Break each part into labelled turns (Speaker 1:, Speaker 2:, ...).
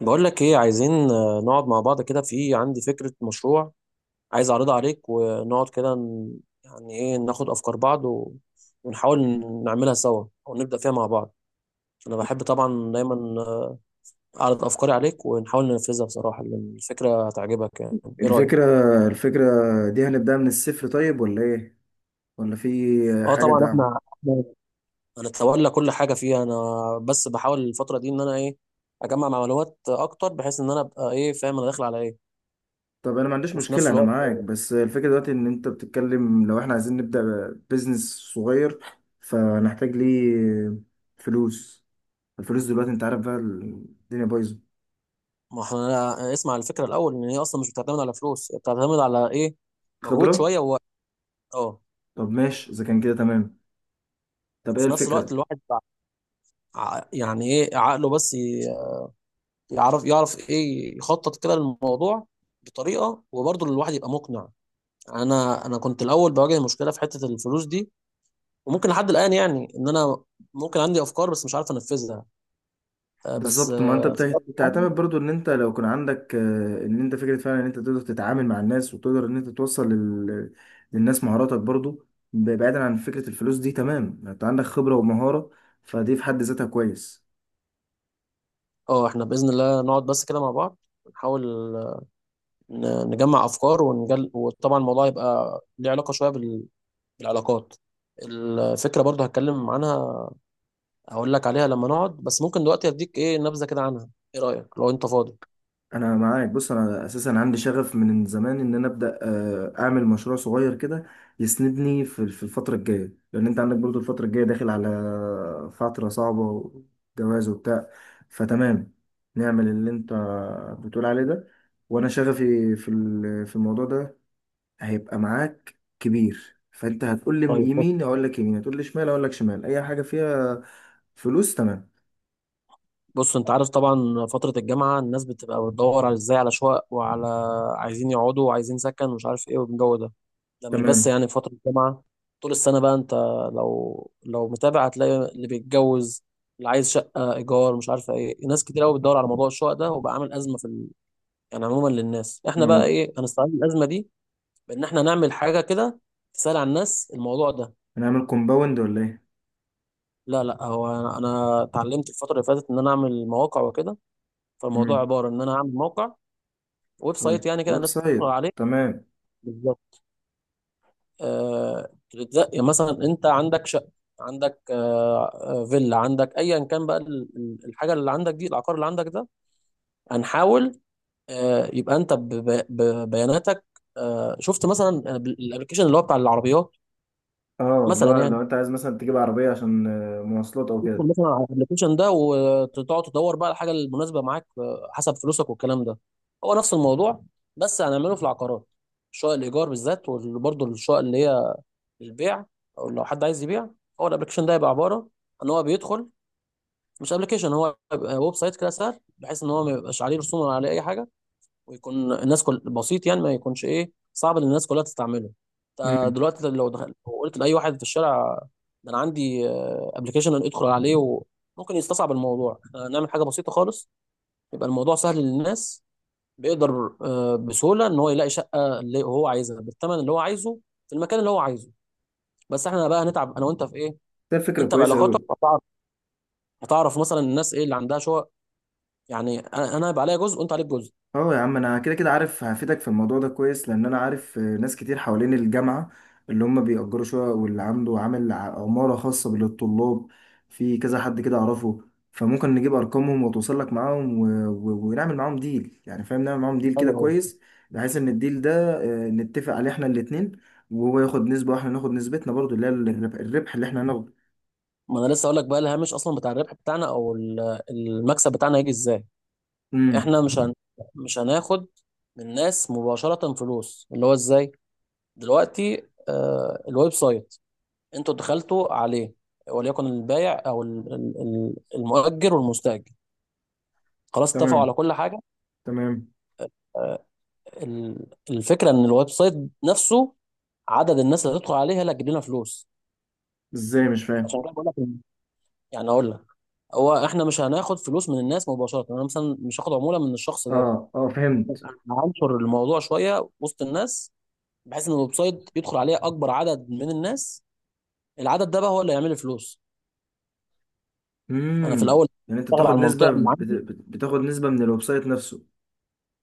Speaker 1: بقول لك ايه عايزين، نقعد مع بعض كده. في عندي فكرة مشروع عايز اعرضها عليك ونقعد كده يعني ايه ناخد افكار بعض ونحاول نعملها سوا او نبدأ فيها مع بعض. انا بحب طبعا دايما، اعرض افكاري عليك ونحاول ننفذها بصراحة لان الفكرة هتعجبك يعني. ايه رأيك؟
Speaker 2: الفكرة الفكرة دي هنبدأ من الصفر، طيب ولا ايه؟ ولا في
Speaker 1: اه،
Speaker 2: حاجة
Speaker 1: طبعا
Speaker 2: دعم؟
Speaker 1: احنا هنتولى كل حاجة فيها. انا بس بحاول الفترة دي ان انا ايه اجمع معلومات اكتر، بحيث ان انا ابقى ايه فاهم انا داخل على ايه.
Speaker 2: طب انا ما عنديش
Speaker 1: وفي
Speaker 2: مشكلة،
Speaker 1: نفس
Speaker 2: انا
Speaker 1: الوقت
Speaker 2: معاك، بس الفكرة دلوقتي ان انت بتتكلم، لو احنا عايزين نبدأ بيزنس صغير فنحتاج ليه فلوس. الفلوس دلوقتي انت عارف بقى الدنيا بايظة.
Speaker 1: ما احنا اسمع على الفكره الاول. ان هي اصلا مش بتعتمد على فلوس، هي بتعتمد على ايه. مجهود
Speaker 2: خبرة.
Speaker 1: شويه ووقت. اه.
Speaker 2: طب ماشي اذا كان كده تمام. طب ايه
Speaker 1: وفي نفس
Speaker 2: الفكرة؟
Speaker 1: الوقت الواحد يعني ايه عقله بس يعرف ايه يخطط كده للموضوع بطريقه، وبرضه الواحد يبقى مقنع. انا كنت الاول بواجه مشكله في حته الفلوس دي، وممكن لحد الان يعني ان انا ممكن عندي افكار بس مش عارف انفذها. بس،
Speaker 2: بالظبط، ما انت
Speaker 1: في الوقت الحالي.
Speaker 2: بتعتمد برضو ان انت لو كان عندك، ان انت فكره فعلا، ان انت تقدر تتعامل مع الناس وتقدر ان انت توصل للناس مهاراتك برضو، بعيدا عن فكره الفلوس دي. تمام، انت عندك خبره ومهاره، فدي في حد ذاتها كويس.
Speaker 1: اه، احنا باذن الله نقعد بس كده مع بعض نحاول نجمع افكار وطبعا الموضوع يبقى ليه علاقه شويه بالعلاقات. الفكره برضو هتكلم عنها، هقول لك عليها لما نقعد، بس ممكن دلوقتي اديك ايه نبذه كده عنها. ايه رايك لو انت فاضي؟
Speaker 2: انا معاك، بص، انا اساسا عندي شغف من زمان ان انا ابدا اعمل مشروع صغير كده يسندني في الفتره الجايه، لان انت عندك برضو الفتره الجايه داخل على فتره صعبه وجواز وبتاع. فتمام، نعمل اللي انت بتقول عليه ده، وانا شغفي في الموضوع ده هيبقى معاك كبير، فانت هتقول لي
Speaker 1: طيب، بص.
Speaker 2: يمين اقول لك يمين، هتقول لي شمال اقول لك شمال، اي حاجه فيها فلوس تمام.
Speaker 1: بص، انت عارف طبعا فتره الجامعه الناس بتبقى بتدور على ازاي على شقق وعلى عايزين يقعدوا، وعايزين سكن ومش عارف ايه والجو ده. ده مش بس
Speaker 2: تمام.
Speaker 1: يعني في فترة الجامعة، طول السنة بقى. انت لو متابع هتلاقي اللي بيتجوز، اللي عايز شقة إيجار مش عارفة ايه، ناس كتير قوي بتدور على موضوع الشقق ده وبقى عامل أزمة يعني عموما للناس. احنا بقى ايه هنستغل الأزمة دي بإن احنا نعمل حاجة كده تسهل على الناس الموضوع ده.
Speaker 2: نعمل كومباوند ولا ايه؟
Speaker 1: لا، لا، هو أنا اتعلمت الفترة اللي فاتت إن أنا أعمل مواقع وكده. فالموضوع
Speaker 2: مم.
Speaker 1: عبارة إن أنا أعمل موقع ويب
Speaker 2: ويب
Speaker 1: سايت، يعني كده
Speaker 2: ويب
Speaker 1: الناس تدخل
Speaker 2: سايت،
Speaker 1: عليه.
Speaker 2: تمام.
Speaker 1: بالظبط. بتتزق مثلا، انت عندك شقه، عندك فيلا، عندك ايا كان بقى الحاجه اللي عندك دي، العقار اللي عندك ده. هنحاول يبقى انت ببياناتك. شفت مثلا الابلكيشن اللي هو بتاع العربيات،
Speaker 2: اه،
Speaker 1: مثلا
Speaker 2: لو
Speaker 1: يعني.
Speaker 2: لو انت عايز مثلا تجيب عربية عشان مواصلات او
Speaker 1: تدخل
Speaker 2: كده.
Speaker 1: مثلا على الابلكيشن ده وتقعد تدور بقى الحاجه المناسبه معاك، حسب فلوسك والكلام ده. هو نفس الموضوع بس هنعمله في العقارات، شقق الايجار بالذات وبرضه الشقق اللي هي البيع، او لو حد عايز يبيع. هو الابلكيشن ده يبقى عباره ان هو بيدخل، مش ابلكيشن، هو يبقى ويب سايت كده سهل، بحيث ان هو ما يبقاش عليه رسوم ولا عليه اي حاجه، ويكون الناس كل بسيط يعني ما يكونش ايه صعب ان الناس كلها تستعمله. انت
Speaker 2: امم.
Speaker 1: دلوقتي لو دخلت، لو قلت لاي واحد في الشارع ده انا عندي ابلكيشن ادخل عليه وممكن يستصعب الموضوع. إحنا نعمل حاجه بسيطه خالص يبقى الموضوع سهل للناس. بيقدر بسهوله ان هو يلاقي شقه اللي هو عايزها بالثمن اللي هو عايزه في المكان اللي هو عايزه. بس احنا بقى هنتعب انا وانت في ايه؟
Speaker 2: ده فكرة
Speaker 1: انت
Speaker 2: كويسة
Speaker 1: بعلاقاتك
Speaker 2: أوي.
Speaker 1: هتعرف، هتعرف مثلا الناس ايه اللي عندها شقق. يعني انا هيبقى عليا جزء وانت عليك جزء.
Speaker 2: اه يا عم، انا كده كده عارف هفيدك في الموضوع ده كويس، لان انا عارف ناس كتير حوالين الجامعه اللي هم بيأجروا شقق، واللي عنده عامل عماره خاصه للطلاب، في كذا حد كده اعرفه. فممكن نجيب ارقامهم وتوصل لك معاهم ونعمل معاهم ديل، يعني فاهم، نعمل معاهم ديل كده
Speaker 1: حلو قوي.
Speaker 2: كويس. بحيث ان الديل ده نتفق عليه احنا الاتنين، وهو ياخد نسبه واحنا ناخد نسبتنا، برضو اللي هي الربح اللي احنا هناخده.
Speaker 1: ما انا لسه اقول لك بقى الهامش اصلا بتاع الربح بتاعنا او المكسب بتاعنا هيجي ازاي.
Speaker 2: امم.
Speaker 1: احنا مش هن... مش هناخد من الناس مباشره فلوس. اللي هو ازاي؟ دلوقتي الويب سايت انتوا دخلتوا عليه، وليكن البائع او المؤجر والمستاجر، خلاص اتفقوا على
Speaker 2: تمام.
Speaker 1: كل حاجه.
Speaker 2: تمام.
Speaker 1: آه الفكره ان الويب سايت نفسه، عدد الناس اللي هتدخل عليه هي اللي هتجيب لنا فلوس.
Speaker 2: ازاي؟ مش فاهم.
Speaker 1: عشان كده بقول لك يعني اقول لك، هو احنا مش هناخد فلوس من الناس مباشره. انا مثلا مش هاخد عموله من الشخص ده.
Speaker 2: اه، اه، فهمت.
Speaker 1: أنا هنشر الموضوع شويه وسط الناس بحيث ان الويب سايت يدخل عليه اكبر عدد من الناس. العدد ده بقى هو اللي هيعمل لي فلوس. انا في
Speaker 2: امم.
Speaker 1: الاول
Speaker 2: يعني انت
Speaker 1: بشتغل
Speaker 2: بتاخد
Speaker 1: على المنطقه
Speaker 2: نسبة،
Speaker 1: اللي عندي.
Speaker 2: بتاخد نسبة من الويب سايت نفسه.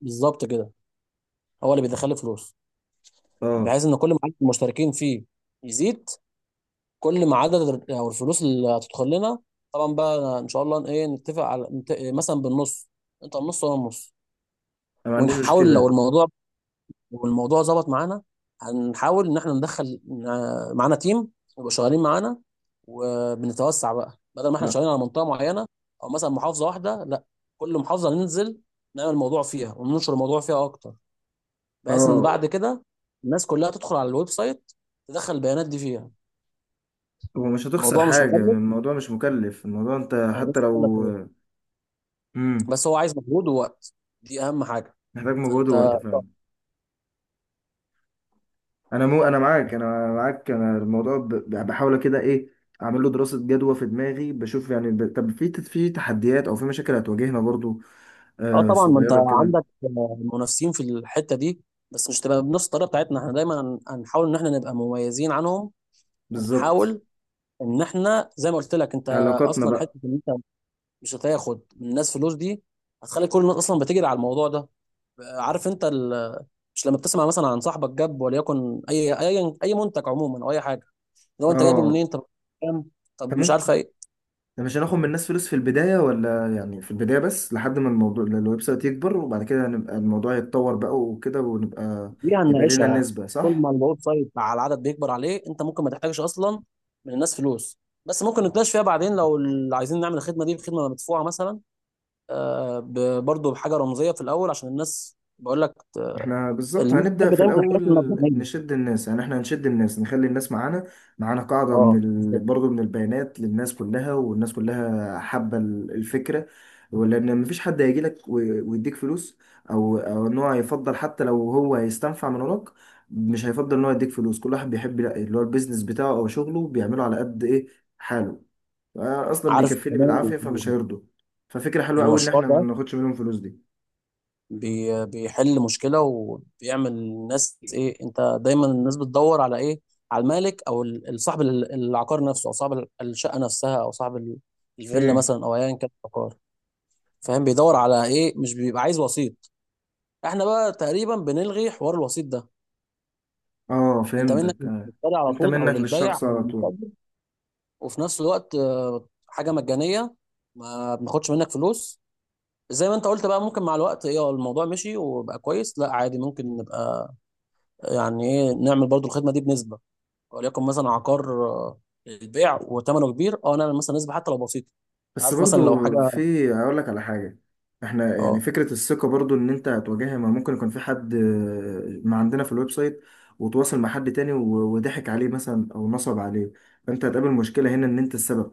Speaker 1: بالظبط كده، هو اللي بيدخل لي فلوس،
Speaker 2: اه،
Speaker 1: بحيث ان كل ما عدد المشتركين فيه يزيد كل ما عدد او الفلوس اللي هتدخل لنا. طبعا بقى ان شاء الله ايه نتفق على مثلا بالنص، انت النص وانا النص.
Speaker 2: انا ما عنديش
Speaker 1: ونحاول لو
Speaker 2: مشكلة.
Speaker 1: الموضوع والموضوع ظبط معانا، هنحاول ان احنا ندخل معانا تيم يبقوا شغالين معانا، وبنتوسع بقى بدل ما احنا
Speaker 2: ما-
Speaker 1: شغالين على منطقه معينه او مثلا محافظه واحده. لا، كل محافظه ننزل نعمل موضوع فيها وننشر الموضوع فيها اكتر، بحيث ان
Speaker 2: اه،
Speaker 1: بعد كده الناس كلها تدخل على الويب سايت تدخل البيانات دي فيها.
Speaker 2: هو مش هتخسر
Speaker 1: الموضوع مش
Speaker 2: حاجة يعني،
Speaker 1: مكلف،
Speaker 2: الموضوع مش مكلف، الموضوع انت
Speaker 1: وانا
Speaker 2: حتى
Speaker 1: لسه بقول لك
Speaker 2: لو.
Speaker 1: إهو.
Speaker 2: امم.
Speaker 1: بس هو عايز مجهود ووقت، دي اهم حاجه.
Speaker 2: محتاج مجهود
Speaker 1: فانت،
Speaker 2: ووقت فعلا. انا معاك، انا الموضوع بحاول كده ايه اعمل له دراسة جدوى في دماغي، بشوف يعني، طب في تحديات او في مشاكل هتواجهنا برضو
Speaker 1: اه، طبعا ما انت
Speaker 2: صغيرة كده.
Speaker 1: عندك منافسين في الحته دي، بس مش تبقى بنفس الطريقه بتاعتنا. احنا دايما هنحاول ان احنا نبقى مميزين عنهم،
Speaker 2: بالظبط،
Speaker 1: ونحاول ان احنا زي ما قلت لك انت.
Speaker 2: علاقاتنا
Speaker 1: اصلا حته
Speaker 2: بقى.
Speaker 1: ان انت مش هتاخد من الناس فلوس دي، هتخلي كل الناس اصلا بتجري على الموضوع ده. عارف انت مش لما بتسمع مثلا عن صاحبك جاب وليكن اي منتج عموما او اي حاجه؟ لو انت جايبه
Speaker 2: اه،
Speaker 1: منين؟ طب كام؟ طب مش عارف إيه،
Speaker 2: ده مش هناخد من الناس فلوس في البداية ولا يعني، في البداية بس، لحد ما الموضوع الويب سايت يكبر، وبعد كده هنبقى الموضوع يتطور بقى وكده، ونبقى
Speaker 1: دي
Speaker 2: يبقى لنا
Speaker 1: هنناقشها.
Speaker 2: نسبة،
Speaker 1: طول
Speaker 2: صح؟
Speaker 1: ما الاوت سايد مع العدد بيكبر عليه، انت ممكن ما تحتاجش اصلا من الناس فلوس. بس ممكن نتناقش فيها بعدين لو عايزين نعمل الخدمه دي بخدمه مدفوعه مثلا، برضه بحاجه رمزيه في الاول عشان الناس بقول لك
Speaker 2: احنا بالظبط
Speaker 1: الناس
Speaker 2: هنبدأ
Speaker 1: بتحب
Speaker 2: في
Speaker 1: دايما
Speaker 2: الأول
Speaker 1: الحاجات المبنيه.
Speaker 2: نشد الناس، يعني احنا هنشد الناس نخلي الناس معانا. معانا قاعدة من
Speaker 1: اه بالظبط.
Speaker 2: برضه من البيانات للناس كلها، والناس كلها حابة الفكرة، ولأن مفيش حد هيجي لك ويديك فلوس، أو إن هو هيفضل حتى لو هو هيستنفع من وراك، مش هيفضل إن هو يديك فلوس. كل واحد بيحب اللي هو البيزنس بتاعه أو شغله، بيعمله على قد إيه حاله. أنا أصلا
Speaker 1: عارف
Speaker 2: بيكفيني
Speaker 1: كمان
Speaker 2: بالعافية فمش هيرضوا. ففكرة حلوة أوي إن
Speaker 1: المشروع
Speaker 2: احنا ما
Speaker 1: ده
Speaker 2: ناخدش منهم فلوس دي.
Speaker 1: بيحل مشكلة وبيعمل الناس ايه. انت دايما الناس بتدور على ايه؟ على المالك او صاحب العقار نفسه، او صاحب الشقة نفسها، او صاحب الفيلا
Speaker 2: مم.
Speaker 1: مثلا، او ايا كان العقار. فاهم بيدور على ايه، مش بيبقى عايز وسيط. احنا بقى تقريبا بنلغي حوار الوسيط ده.
Speaker 2: اه،
Speaker 1: انت منك
Speaker 2: فهمتك آه.
Speaker 1: للمشتري على
Speaker 2: انت
Speaker 1: طول، او
Speaker 2: منك
Speaker 1: للبايع او
Speaker 2: للشخص على طول.
Speaker 1: للمستأجر. وفي نفس الوقت حاجة مجانية، ما بناخدش منك فلوس. زي ما انت قلت بقى، ممكن مع الوقت ايه، الموضوع مشي وبقى كويس، لا عادي ممكن نبقى يعني ايه نعمل برضو الخدمه دي بنسبه. وليكن مثلا عقار البيع وثمنه كبير، اه نعمل مثلا نسبه حتى لو بسيطه.
Speaker 2: بس
Speaker 1: عارف مثلا لو
Speaker 2: برضو
Speaker 1: حاجه.
Speaker 2: في. اقول لك على حاجة، احنا يعني
Speaker 1: اه.
Speaker 2: فكرة الثقة برضو ان انت هتواجهها، ما ممكن يكون في حد ما عندنا في الويب سايت، وتواصل مع حد تاني وضحك عليه مثلا او نصب عليه، فانت هتقابل مشكلة هنا ان انت السبب.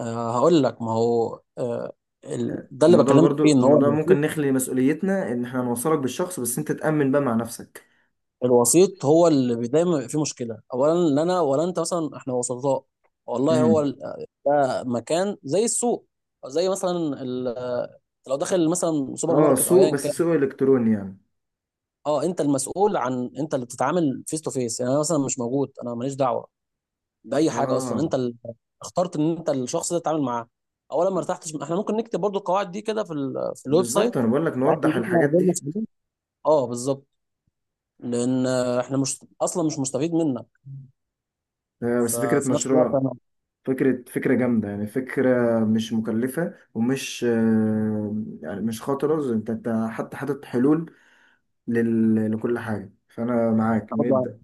Speaker 1: هقول لك ما هو ده اللي
Speaker 2: الموضوع
Speaker 1: بكلمك فيه
Speaker 2: برضو
Speaker 1: ان هو
Speaker 2: الموضوع ممكن
Speaker 1: الوسيط.
Speaker 2: نخلي مسؤوليتنا ان احنا نوصلك بالشخص، بس انت تأمن بقى مع نفسك.
Speaker 1: الوسيط هو اللي دايما بيبقى فيه مشكله. اولا لا انا ولا انت مثلا احنا وسطاء، والله هو
Speaker 2: امم.
Speaker 1: ده مكان زي السوق، أو زي مثلا لو داخل مثلا سوبر
Speaker 2: اه،
Speaker 1: ماركت او
Speaker 2: سوق
Speaker 1: ايا
Speaker 2: بس
Speaker 1: كان.
Speaker 2: سوق الكتروني يعني.
Speaker 1: اه، انت المسؤول، عن انت اللي بتتعامل فيس تو فيس يعني. انا مثلا مش موجود، انا ماليش دعوه باي حاجه اصلا.
Speaker 2: اه،
Speaker 1: انت اللي اخترت ان انت الشخص ده تتعامل معاه. اولا ما ارتحتش، احنا ممكن نكتب برضو القواعد دي كده في الويب
Speaker 2: بالظبط،
Speaker 1: سايت،
Speaker 2: انا بقول لك
Speaker 1: بحيث ان
Speaker 2: نوضح
Speaker 1: احنا
Speaker 2: الحاجات
Speaker 1: غير
Speaker 2: دي.
Speaker 1: مسؤولين. اه بالظبط، لان احنا مش اصلا مش مستفيد منها.
Speaker 2: بس فكرة
Speaker 1: ففي نفس الوقت
Speaker 2: مشروع،
Speaker 1: انا،
Speaker 2: فكرة جامدة يعني، فكرة مش مكلفة ومش يعني مش خطرة، انت حتى حاطط حلول لكل حاجة، فأنا معاك
Speaker 1: إحنا برضو
Speaker 2: نبدأ.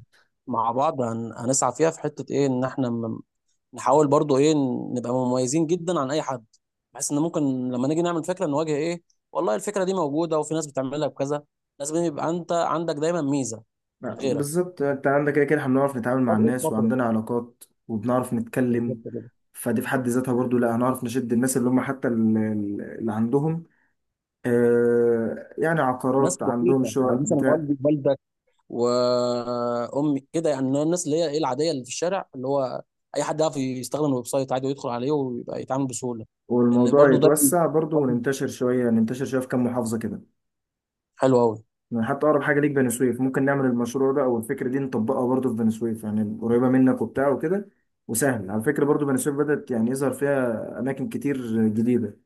Speaker 1: مع بعض هنسعى فيها في حته ايه، ان احنا نحاول برضو ايه نبقى مميزين جدا عن اي حد، بحيث ان ممكن لما نيجي نعمل فكره نواجه ايه، والله الفكره دي موجوده وفي ناس بتعملها بكذا. لازم يبقى انت عندك دايما ميزه عن غيرك،
Speaker 2: بالظبط، انت عندك كده كده احنا بنعرف نتعامل مع
Speaker 1: فرق
Speaker 2: الناس،
Speaker 1: الخطوه.
Speaker 2: وعندنا علاقات، وبنعرف
Speaker 1: بالظبط
Speaker 2: نتكلم،
Speaker 1: كده.
Speaker 2: فدي في حد ذاتها برضو. لا، هنعرف نشد الناس اللي هم حتى اللي عندهم يعني
Speaker 1: ناس
Speaker 2: عقارات، عندهم
Speaker 1: بسيطة يعني
Speaker 2: شقق
Speaker 1: مثلا
Speaker 2: بتاع.
Speaker 1: والدي والدك وأمي كده، يعني الناس اللي هي إيه العادية اللي في الشارع، اللي هو أي حد يعرف يستخدم الويب سايت عادي ويدخل عليه ويبقى يتعامل بسهولة. لأن
Speaker 2: والموضوع
Speaker 1: برضو ده
Speaker 2: يتوسع برضو،
Speaker 1: برضو
Speaker 2: وننتشر شوية ننتشر شوية في كام محافظة كده.
Speaker 1: حلو أوي.
Speaker 2: يعني حتى اقرب حاجه ليك بني سويف، ممكن نعمل المشروع ده او الفكره دي نطبقها برضو في بني سويف، يعني قريبه منك وبتاع وكده. وسهل على فكره، برضو بني سويف بدات يعني يظهر فيها اماكن كتير جديده،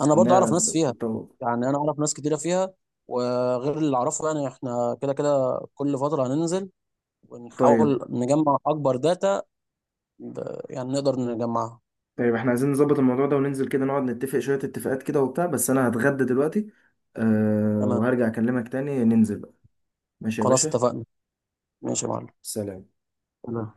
Speaker 1: أنا برضو
Speaker 2: انها
Speaker 1: أعرف ناس فيها،
Speaker 2: بتتطور.
Speaker 1: يعني أنا أعرف ناس كتيرة فيها. وغير اللي أعرفه يعني إحنا كده كده كل فترة هننزل
Speaker 2: طيب.
Speaker 1: ونحاول نجمع أكبر داتا يعني نقدر نجمعها.
Speaker 2: طيب، احنا عايزين نظبط الموضوع ده وننزل كده، نقعد نتفق شويه اتفاقات كده وبتاع، بس انا هتغدى دلوقتي. أه،
Speaker 1: تمام،
Speaker 2: وهرجع اكلمك تاني، ننزل بقى. ماشي يا
Speaker 1: خلاص
Speaker 2: باشا.
Speaker 1: اتفقنا. ماشي يا معلم.
Speaker 2: سلام.
Speaker 1: تمام.